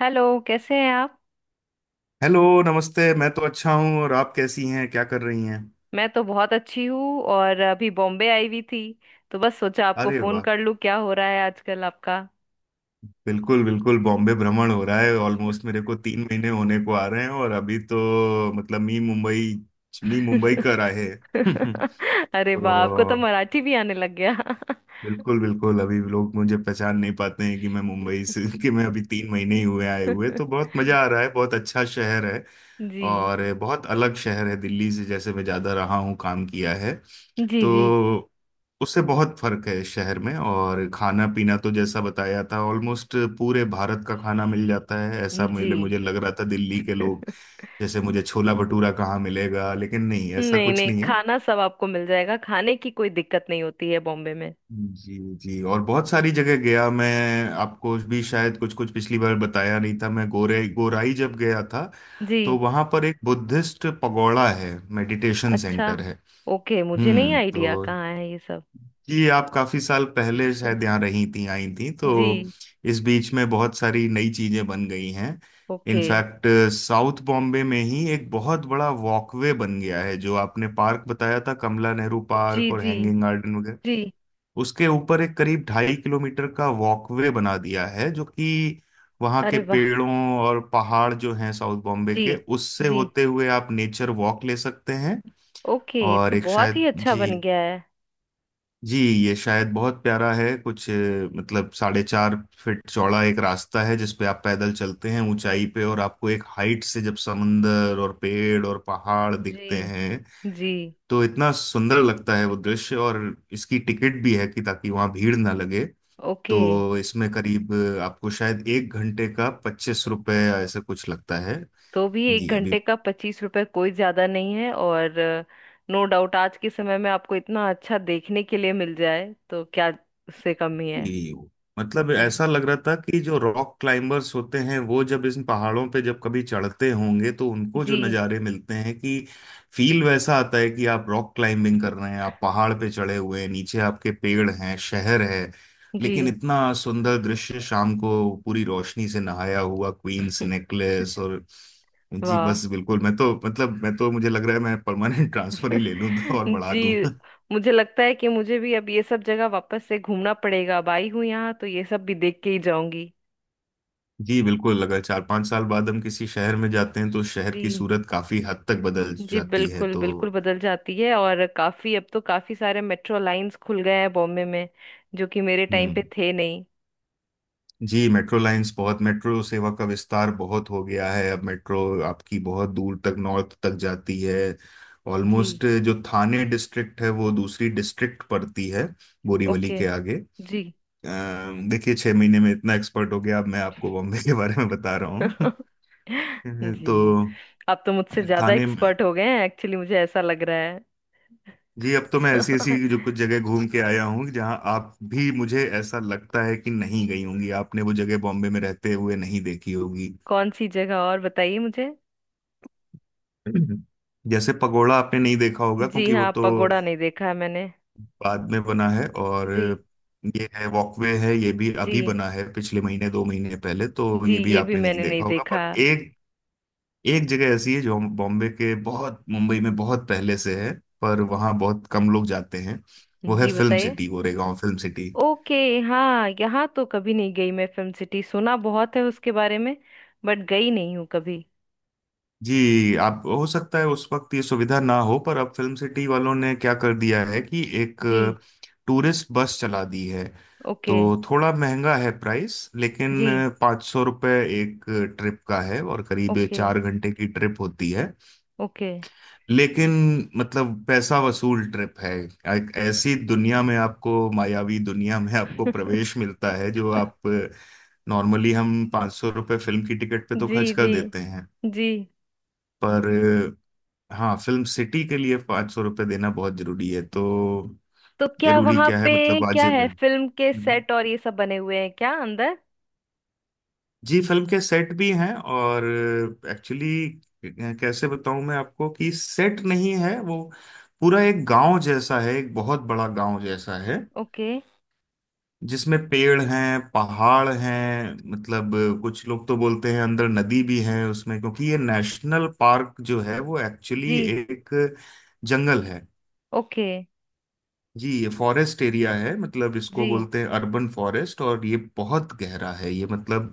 Hello, कैसे हैं आप। हेलो नमस्ते। मैं तो अच्छा हूँ। और आप कैसी हैं? क्या कर रही हैं? मैं तो बहुत अच्छी हूँ, और अभी बॉम्बे आई हुई थी। तो बस सोचा आपको अरे फोन वाह। कर लूँ, क्या हो रहा है आजकल आपका। बिल्कुल बिल्कुल, बॉम्बे भ्रमण हो रहा है। ऑलमोस्ट मेरे को 3 महीने होने को आ रहे हैं और अभी तो मतलब मी मुंबई मी मुंबई कर आए हैं। अरे वाह, आपको तो तो मराठी भी आने लग गया। बिल्कुल बिल्कुल, अभी लोग मुझे पहचान नहीं पाते हैं कि मैं मुंबई से कि मैं अभी 3 महीने ही हुए आए हुए। तो बहुत मजा आ रहा है, बहुत अच्छा शहर है। जी और बहुत अलग शहर है दिल्ली से, जैसे मैं ज्यादा रहा हूँ, काम किया है। जी। जी तो उससे बहुत फर्क है शहर में। और खाना पीना तो जैसा बताया था, ऑलमोस्ट पूरे भारत का खाना मिल जाता है। ऐसा जी। मुझे मुझे लग रहा था दिल्ली के लोग, जैसे मुझे छोला भटूरा कहाँ मिलेगा, लेकिन नहीं, ऐसा नहीं कुछ नहीं, नहीं है। खाना सब आपको मिल जाएगा, खाने की कोई दिक्कत नहीं होती है बॉम्बे में। जी जी, और बहुत सारी जगह गया मैं। आपको भी शायद कुछ कुछ पिछली बार बताया नहीं था, मैं गोरे गोराई जब गया था जी। तो वहां पर एक बुद्धिस्ट पगोड़ा है, मेडिटेशन अच्छा, सेंटर है। ओके, मुझे नहीं हम्म, आइडिया तो कहाँ है ये सब। ये आप काफी साल पहले शायद यहाँ रही थी, आई थी, तो जी। इस बीच में बहुत सारी नई चीजें बन गई हैं। ओके। इनफैक्ट साउथ बॉम्बे में ही एक बहुत बड़ा वॉकवे बन गया है, जो आपने पार्क बताया था कमला नेहरू जी पार्क और जी। हैंगिंग गार्डन वगैरह, जी। उसके ऊपर एक करीब 2.5 किलोमीटर का वॉकवे बना दिया है। जो कि वहाँ के अरे वाह। पेड़ों और पहाड़ जो हैं साउथ बॉम्बे जी के, उससे जी। होते हुए आप नेचर वॉक ले सकते हैं। ओके, और तो एक बहुत ही शायद अच्छा बन जी गया है। जी, ये शायद बहुत प्यारा है कुछ मतलब 4.5 फीट चौड़ा एक रास्ता है जिसपे आप पैदल चलते हैं ऊंचाई पे, और आपको एक हाइट से जब समंदर और पेड़ और पहाड़ जी। दिखते हैं जी। तो इतना सुंदर लगता है वो दृश्य। और इसकी टिकट भी है कि ताकि वहां भीड़ ना लगे। ओके। तो इसमें करीब आपको शायद 1 घंटे का 25 रुपए ऐसा कुछ लगता है। तो भी एक जी घंटे अभी का 25 रुपए कोई ज्यादा नहीं है, और नो डाउट आज के समय में आपको इतना अच्छा देखने के लिए मिल जाए तो क्या, उससे कम ही है। कि मतलब जी। ऐसा लग रहा था कि जो रॉक क्लाइंबर्स होते हैं वो जब इन पहाड़ों पे जब कभी चढ़ते होंगे तो उनको जो जी। नज़ारे मिलते हैं कि, फील वैसा आता है कि आप रॉक क्लाइंबिंग कर रहे हैं, आप पहाड़ पे चढ़े हुए हैं, नीचे आपके पेड़ हैं, शहर है। जी। लेकिन इतना सुंदर दृश्य शाम को पूरी रोशनी से नहाया हुआ क्वींस नेकलेस और जी, वाह। बस बिल्कुल। मैं तो मतलब मैं तो मुझे लग रहा है मैं परमानेंट ट्रांसफर ही ले लूं और बढ़ा दूं। जी। मुझे लगता है कि मुझे भी अब ये सब जगह वापस से घूमना पड़ेगा। अब आई हूँ यहाँ तो ये सब भी देख के ही जाऊंगी। जी बिल्कुल, अगर 4-5 साल बाद हम किसी शहर में जाते हैं तो शहर की जी। सूरत काफी हद तक बदल जी जाती है। बिल्कुल तो बिल्कुल बदल जाती है, और काफी, अब तो काफी सारे मेट्रो लाइंस खुल गए हैं बॉम्बे में, जो कि मेरे टाइम पे हम्म। थे नहीं। जी मेट्रो लाइंस बहुत, मेट्रो सेवा का विस्तार बहुत हो गया है। अब मेट्रो आपकी बहुत दूर तक नॉर्थ तक जाती है। जी। ऑलमोस्ट जो थाने डिस्ट्रिक्ट है वो दूसरी डिस्ट्रिक्ट पड़ती है, बोरीवली ओके। के आगे। जी। देखिए 6 महीने में इतना एक्सपर्ट हो गया, अब मैं आपको बॉम्बे के बारे में बता रहा हूँ। जी, तो आप तो मुझसे ज्यादा थाने। एक्सपर्ट हो गए हैं, एक्चुअली मुझे ऐसा लग रहा जी अब तो मैं ऐसी ऐसी है। जो कुछ जगह घूम के आया हूँ जहाँ आप भी, मुझे ऐसा लगता है कि नहीं गई होंगी, आपने वो जगह बॉम्बे में रहते हुए नहीं देखी होगी। कौन सी जगह और बताइए मुझे। हम्म। जैसे पगोड़ा आपने नहीं देखा होगा जी क्योंकि वो हाँ, तो पगोड़ा नहीं देखा है मैंने। बाद में बना है। और जी। ये है वॉकवे है, ये भी जी, अभी बना है, पिछले महीने 2 महीने पहले, तो जी ये भी ये भी आपने नहीं मैंने नहीं देखा होगा। देखा। पर एक एक जगह ऐसी है जो बॉम्बे के बहुत मुंबई में बहुत पहले से है, पर वहाँ बहुत कम लोग जाते हैं। वो है जी फिल्म बताइए। City, Goregaon film city. Okay. हाँ, यहाँ तो कभी नहीं गई मैं। फिल्म सिटी सुना बहुत है उसके बारे में, बट गई नहीं हूँ कभी। जी आप, हो सकता है उस वक्त ये सुविधा ना हो, पर अब फिल्म सिटी वालों ने क्या कर दिया है कि एक जी। टूरिस्ट बस चला दी है। तो ओके। थोड़ा महंगा है प्राइस, लेकिन जी। 500 रुपये एक ट्रिप का है और करीब ओके 4 घंटे की ट्रिप होती है। ओके। लेकिन मतलब पैसा वसूल ट्रिप है। एक ऐसी दुनिया में, आपको मायावी दुनिया में आपको प्रवेश मिलता है जो आप, नॉर्मली हम 500 रुपये फिल्म की टिकट पे तो जी खर्च कर जी। देते हैं। जी। पर हाँ फिल्म सिटी के लिए 500 रुपये देना बहुत जरूरी है। तो तो क्या जरूरी वहाँ क्या है, पे मतलब क्या वाजिब है, है। फिल्म के हम्म। सेट और ये सब बने हुए हैं क्या अंदर। जी फिल्म के सेट भी हैं, और एक्चुअली कैसे बताऊं मैं आपको, कि सेट नहीं है वो, पूरा एक गांव जैसा है, एक बहुत बड़ा गांव जैसा है। ओके। जिसमें पेड़ हैं, पहाड़ हैं, मतलब कुछ लोग तो बोलते हैं अंदर नदी भी है उसमें। क्योंकि ये नेशनल पार्क जो है वो एक्चुअली जी। एक जंगल है। ओके। जी ये फॉरेस्ट एरिया है, मतलब इसको जी। बोलते हैं अर्बन फॉरेस्ट। और ये बहुत गहरा है ये, मतलब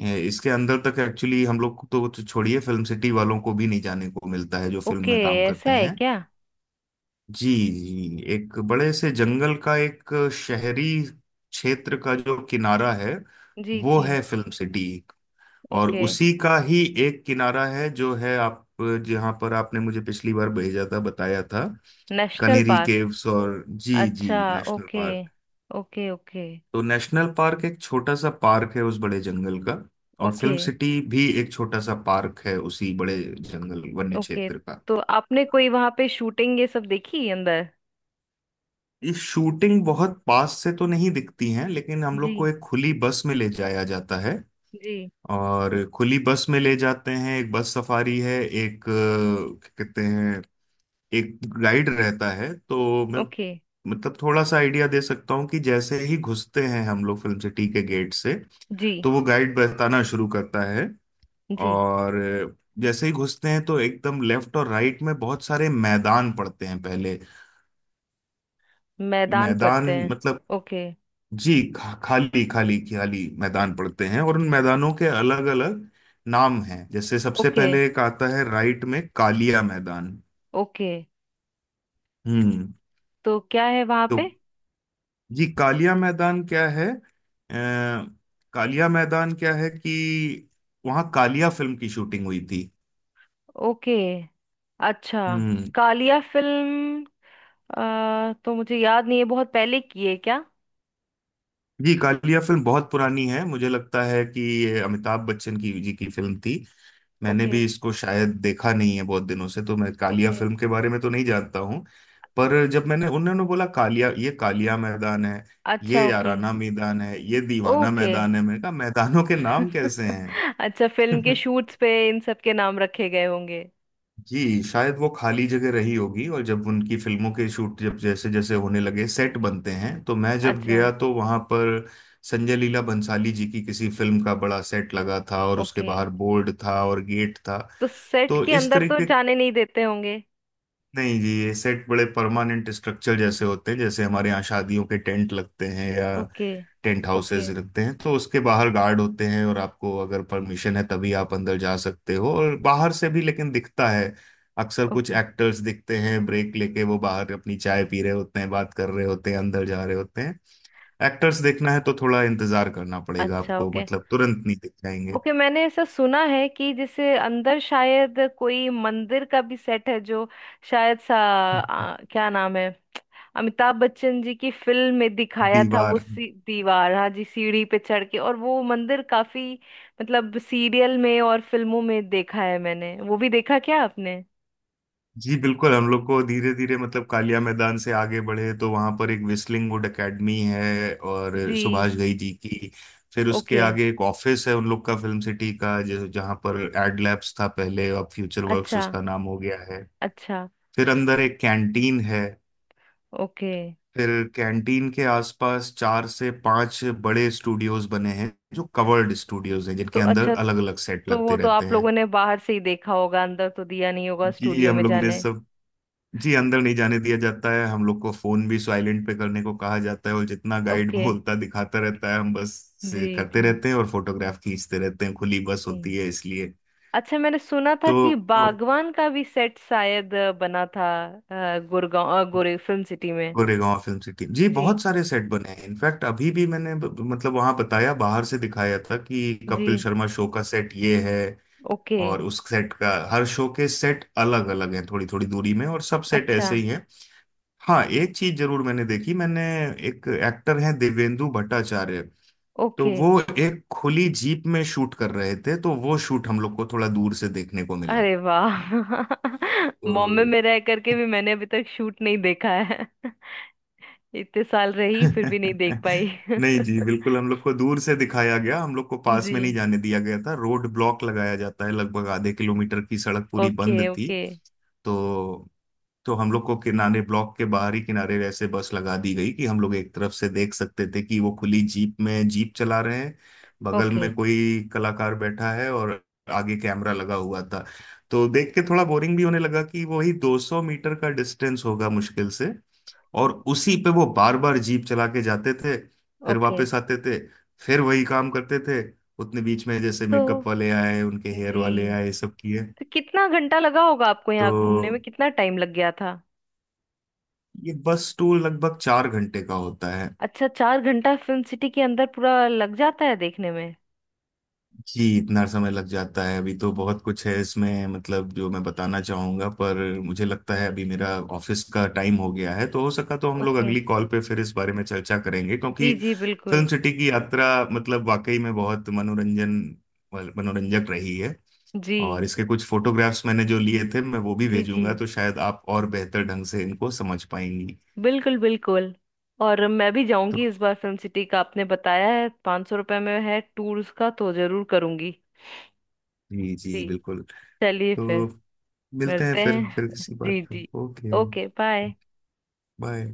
इसके अंदर तक एक्चुअली हम लोग को तो छोड़िए, फिल्म सिटी वालों को भी नहीं जाने को मिलता है जो फिल्म ओके, में काम ऐसा करते है हैं। क्या। जी जी, एक बड़े से जंगल का एक शहरी क्षेत्र का जो किनारा है जी वो जी। है फिल्म सिटी। और ओके। उसी का ही एक किनारा है जो है आप, जहाँ पर आपने मुझे पिछली बार भेजा था बताया था, नेशनल कनेरी पार्क। केव्स और जी जी अच्छा national okay park. Okay. Okay. तो नेशनल पार्क एक छोटा सा पार्क है उस बड़े जंगल का, और ओके। फिल्म सिटी भी एक छोटा सा पार्क है उसी बड़े जंगल वन्य ओके, क्षेत्र का। तो आपने कोई वहां पे शूटिंग ये सब देखी अंदर। ये शूटिंग बहुत पास से तो नहीं दिखती हैं, लेकिन हम लोग को जी। एक खुली बस में ले जाया जाता है। जी। और खुली बस में ले जाते हैं, एक बस सफारी है, एक क्या कहते हैं, एक गाइड रहता है। तो मैं, ओके। मतलब थोड़ा सा आइडिया दे सकता हूँ कि जैसे ही घुसते हैं हम लोग फिल्म सिटी के गेट से, जी। तो वो गाइड बताना शुरू करता है। जी। और जैसे ही घुसते हैं तो एकदम लेफ्ट और राइट में बहुत सारे मैदान पड़ते हैं पहले। मैदान मैदान पड़ते हैं। मतलब, ओके। जी खाली खाली खाली मैदान पड़ते हैं, और उन मैदानों के अलग अलग नाम हैं। जैसे सबसे ओके। पहले एक आता है राइट में, कालिया मैदान। ओके, हम्म, तो क्या है वहां पे। तो जी कालिया मैदान क्या है, कालिया मैदान क्या है कि वहाँ कालिया फिल्म की शूटिंग हुई थी। ओके। अच्छा। हम्म। कालिया फिल्म। तो मुझे याद नहीं है, बहुत पहले की है क्या। जी कालिया फिल्म बहुत पुरानी है, मुझे लगता है कि ये अमिताभ बच्चन की जी की फिल्म थी। मैंने ओके। भी इसको शायद देखा नहीं है बहुत दिनों से, तो मैं कालिया ओके। फिल्म के बारे में तो नहीं जानता हूँ। पर जब मैंने, उन्होंने बोला कालिया, ये कालिया मैदान है, अच्छा ये ओके। याराना मैदान है, ये दीवाना ओके। मैदान है, मैंने कहा मैदानों के नाम कैसे हैं। अच्छा, फिल्म के शूट्स पे इन सब के नाम रखे गए होंगे। जी शायद वो खाली जगह रही होगी, और जब उनकी फिल्मों के शूट जब जैसे जैसे होने लगे, सेट बनते हैं। तो मैं जब अच्छा। गया तो वहां पर संजय लीला बंसाली जी की किसी फिल्म का बड़ा सेट लगा था, और उसके ओके, बाहर बोर्ड था और गेट था। तो सेट तो के इस अंदर तो तरीके, जाने नहीं देते होंगे। नहीं जी ये सेट बड़े परमानेंट स्ट्रक्चर जैसे होते हैं, जैसे हमारे यहाँ शादियों के टेंट लगते हैं या ओके। Tent houses okay. रखते हैं। तो उसके बाहर गार्ड होते हैं, और आपको अगर परमिशन है तभी आप अंदर जा सकते हो। और बाहर से भी लेकिन दिखता है अक्सर, कुछ ओके। एक्टर्स दिखते हैं ब्रेक लेके, वो बाहर अपनी चाय पी रहे होते हैं, बात कर रहे होते हैं, अंदर जा रहे होते हैं। एक्टर्स देखना है तो थोड़ा इंतजार करना पड़ेगा अच्छा आपको, ओके। मतलब तुरंत नहीं दिख जाएंगे। ओके, मैंने ऐसा सुना है कि जैसे अंदर शायद कोई मंदिर का भी सेट है, जो शायद क्या नाम है, अमिताभ बच्चन जी की फिल्म में दिखाया था वो दीवार। दीवार, हाँ जी, सीढ़ी पे चढ़ के, और वो मंदिर काफी, मतलब, सीरियल में और फिल्मों में देखा है मैंने। वो भी देखा क्या आपने। जी बिल्कुल, हम लोग को धीरे धीरे, मतलब कालिया मैदान से आगे बढ़े तो वहां पर एक विस्लिंग वुड एकेडमी है और जी। सुभाष घई जी की, फिर उसके ओके। आगे एक ऑफिस है उन लोग का फिल्म सिटी का, जो जहाँ पर एड लैब्स था पहले, अब फ्यूचर वर्क्स अच्छा। उसका नाम हो गया है। अच्छा फिर अंदर एक कैंटीन है। ओके। फिर कैंटीन के आसपास चार से पांच बड़े स्टूडियोज बने हैं, जो कवर्ड स्टूडियोज हैं, तो जिनके अंदर अच्छा, अलग अलग सेट तो वो लगते तो रहते आप हैं। लोगों ने बाहर से ही देखा होगा, अंदर तो दिया नहीं होगा जी स्टूडियो हम में लोग ने जाने। सब, जी अंदर नहीं जाने दिया जाता है हम लोग को। फोन भी साइलेंट पे करने को कहा जाता है, और जितना गाइड ओके। बोलता दिखाता रहता है हम बस से जी करते जी। रहते हैं, और फोटोग्राफ खींचते रहते हैं, खुली बस जी। होती है इसलिए। अच्छा, मैंने सुना था कि तो बागवान का भी सेट शायद बना था, गुड़गांव, गोरे फिल्म सिटी में। गोरेगांव फिल्म सिटी जी जी। बहुत सारे सेट बने हैं। इनफैक्ट अभी भी मैंने मतलब वहां बताया, बाहर से दिखाया था कि जी। कपिल शर्मा शो का सेट ये है। ओके। और उस सेट का हर शो के सेट अलग अलग हैं, थोड़ी थोड़ी दूरी में, और सब सेट अच्छा। ऐसे ही हैं। हाँ एक चीज जरूर मैंने देखी, मैंने, एक एक्टर हैं देवेंदु भट्टाचार्य, तो ओके। वो एक खुली जीप में शूट कर रहे थे, तो वो शूट हम लोग को थोड़ा दूर से देखने को मिला। अरे वाह। तो बॉम्बे में रह करके भी मैंने अभी तक शूट नहीं देखा है। इतने साल रही फिर भी नहीं देख पाई। नहीं जी बिल्कुल, हम लोग को दूर से दिखाया गया, हम लोग को पास में नहीं जी। जाने दिया गया था। रोड ब्लॉक लगाया जाता है, लगभग आधे किलोमीटर की सड़क पूरी ओके बंद थी। ओके। तो तो हम लोग को किनारे, ब्लॉक के बाहरी किनारे ऐसे बस लगा दी गई कि हम लोग एक तरफ से देख सकते थे, कि वो खुली जीप में जीप चला रहे हैं, बगल ओके। में कोई कलाकार बैठा है, और आगे कैमरा लगा हुआ था। तो देख के थोड़ा बोरिंग भी होने लगा कि वही 200 मीटर का डिस्टेंस होगा मुश्किल से, और उसी पे वो बार बार जीप चला के जाते थे, फिर ओके। वापस आते थे, फिर वही काम करते थे। उतने बीच में जैसे तो मेकअप वाले आए, उनके हेयर वाले जी, आए, सब किए। तो कितना घंटा लगा होगा आपको यहाँ घूमने तो में, कितना टाइम लग गया था। ये बस टूर लगभग 4 घंटे का होता है। अच्छा, चार घंटा फिल्म सिटी के अंदर पूरा लग जाता है देखने में। जी इतना समय लग जाता है, अभी तो बहुत कुछ है इसमें मतलब जो मैं बताना चाहूंगा, पर मुझे लगता है अभी मेरा ऑफिस का टाइम हो गया है। तो हो सका तो हम लोग ओके। अगली कॉल पे फिर इस बारे में चर्चा करेंगे, क्योंकि जी। जी बिल्कुल। फिल्म सिटी की यात्रा मतलब वाकई में बहुत मनोरंजन मनोरंजक रही है। जी। और इसके कुछ फोटोग्राफ्स मैंने जो लिए थे मैं वो भी जी जी भेजूंगा, तो शायद आप और बेहतर ढंग से इनको समझ पाएंगी। बिल्कुल बिल्कुल, और मैं भी तो जाऊंगी इस बार। फिल्म सिटी का आपने बताया है 500 रुपये में है टूर उसका, तो जरूर करूंगी। जी जी जी। बिल्कुल। चलिए फिर। तो मिलते हैं मिलते फिर हैं। फिर किसी बात जी पे जी। Okay, okay, bye. बाय।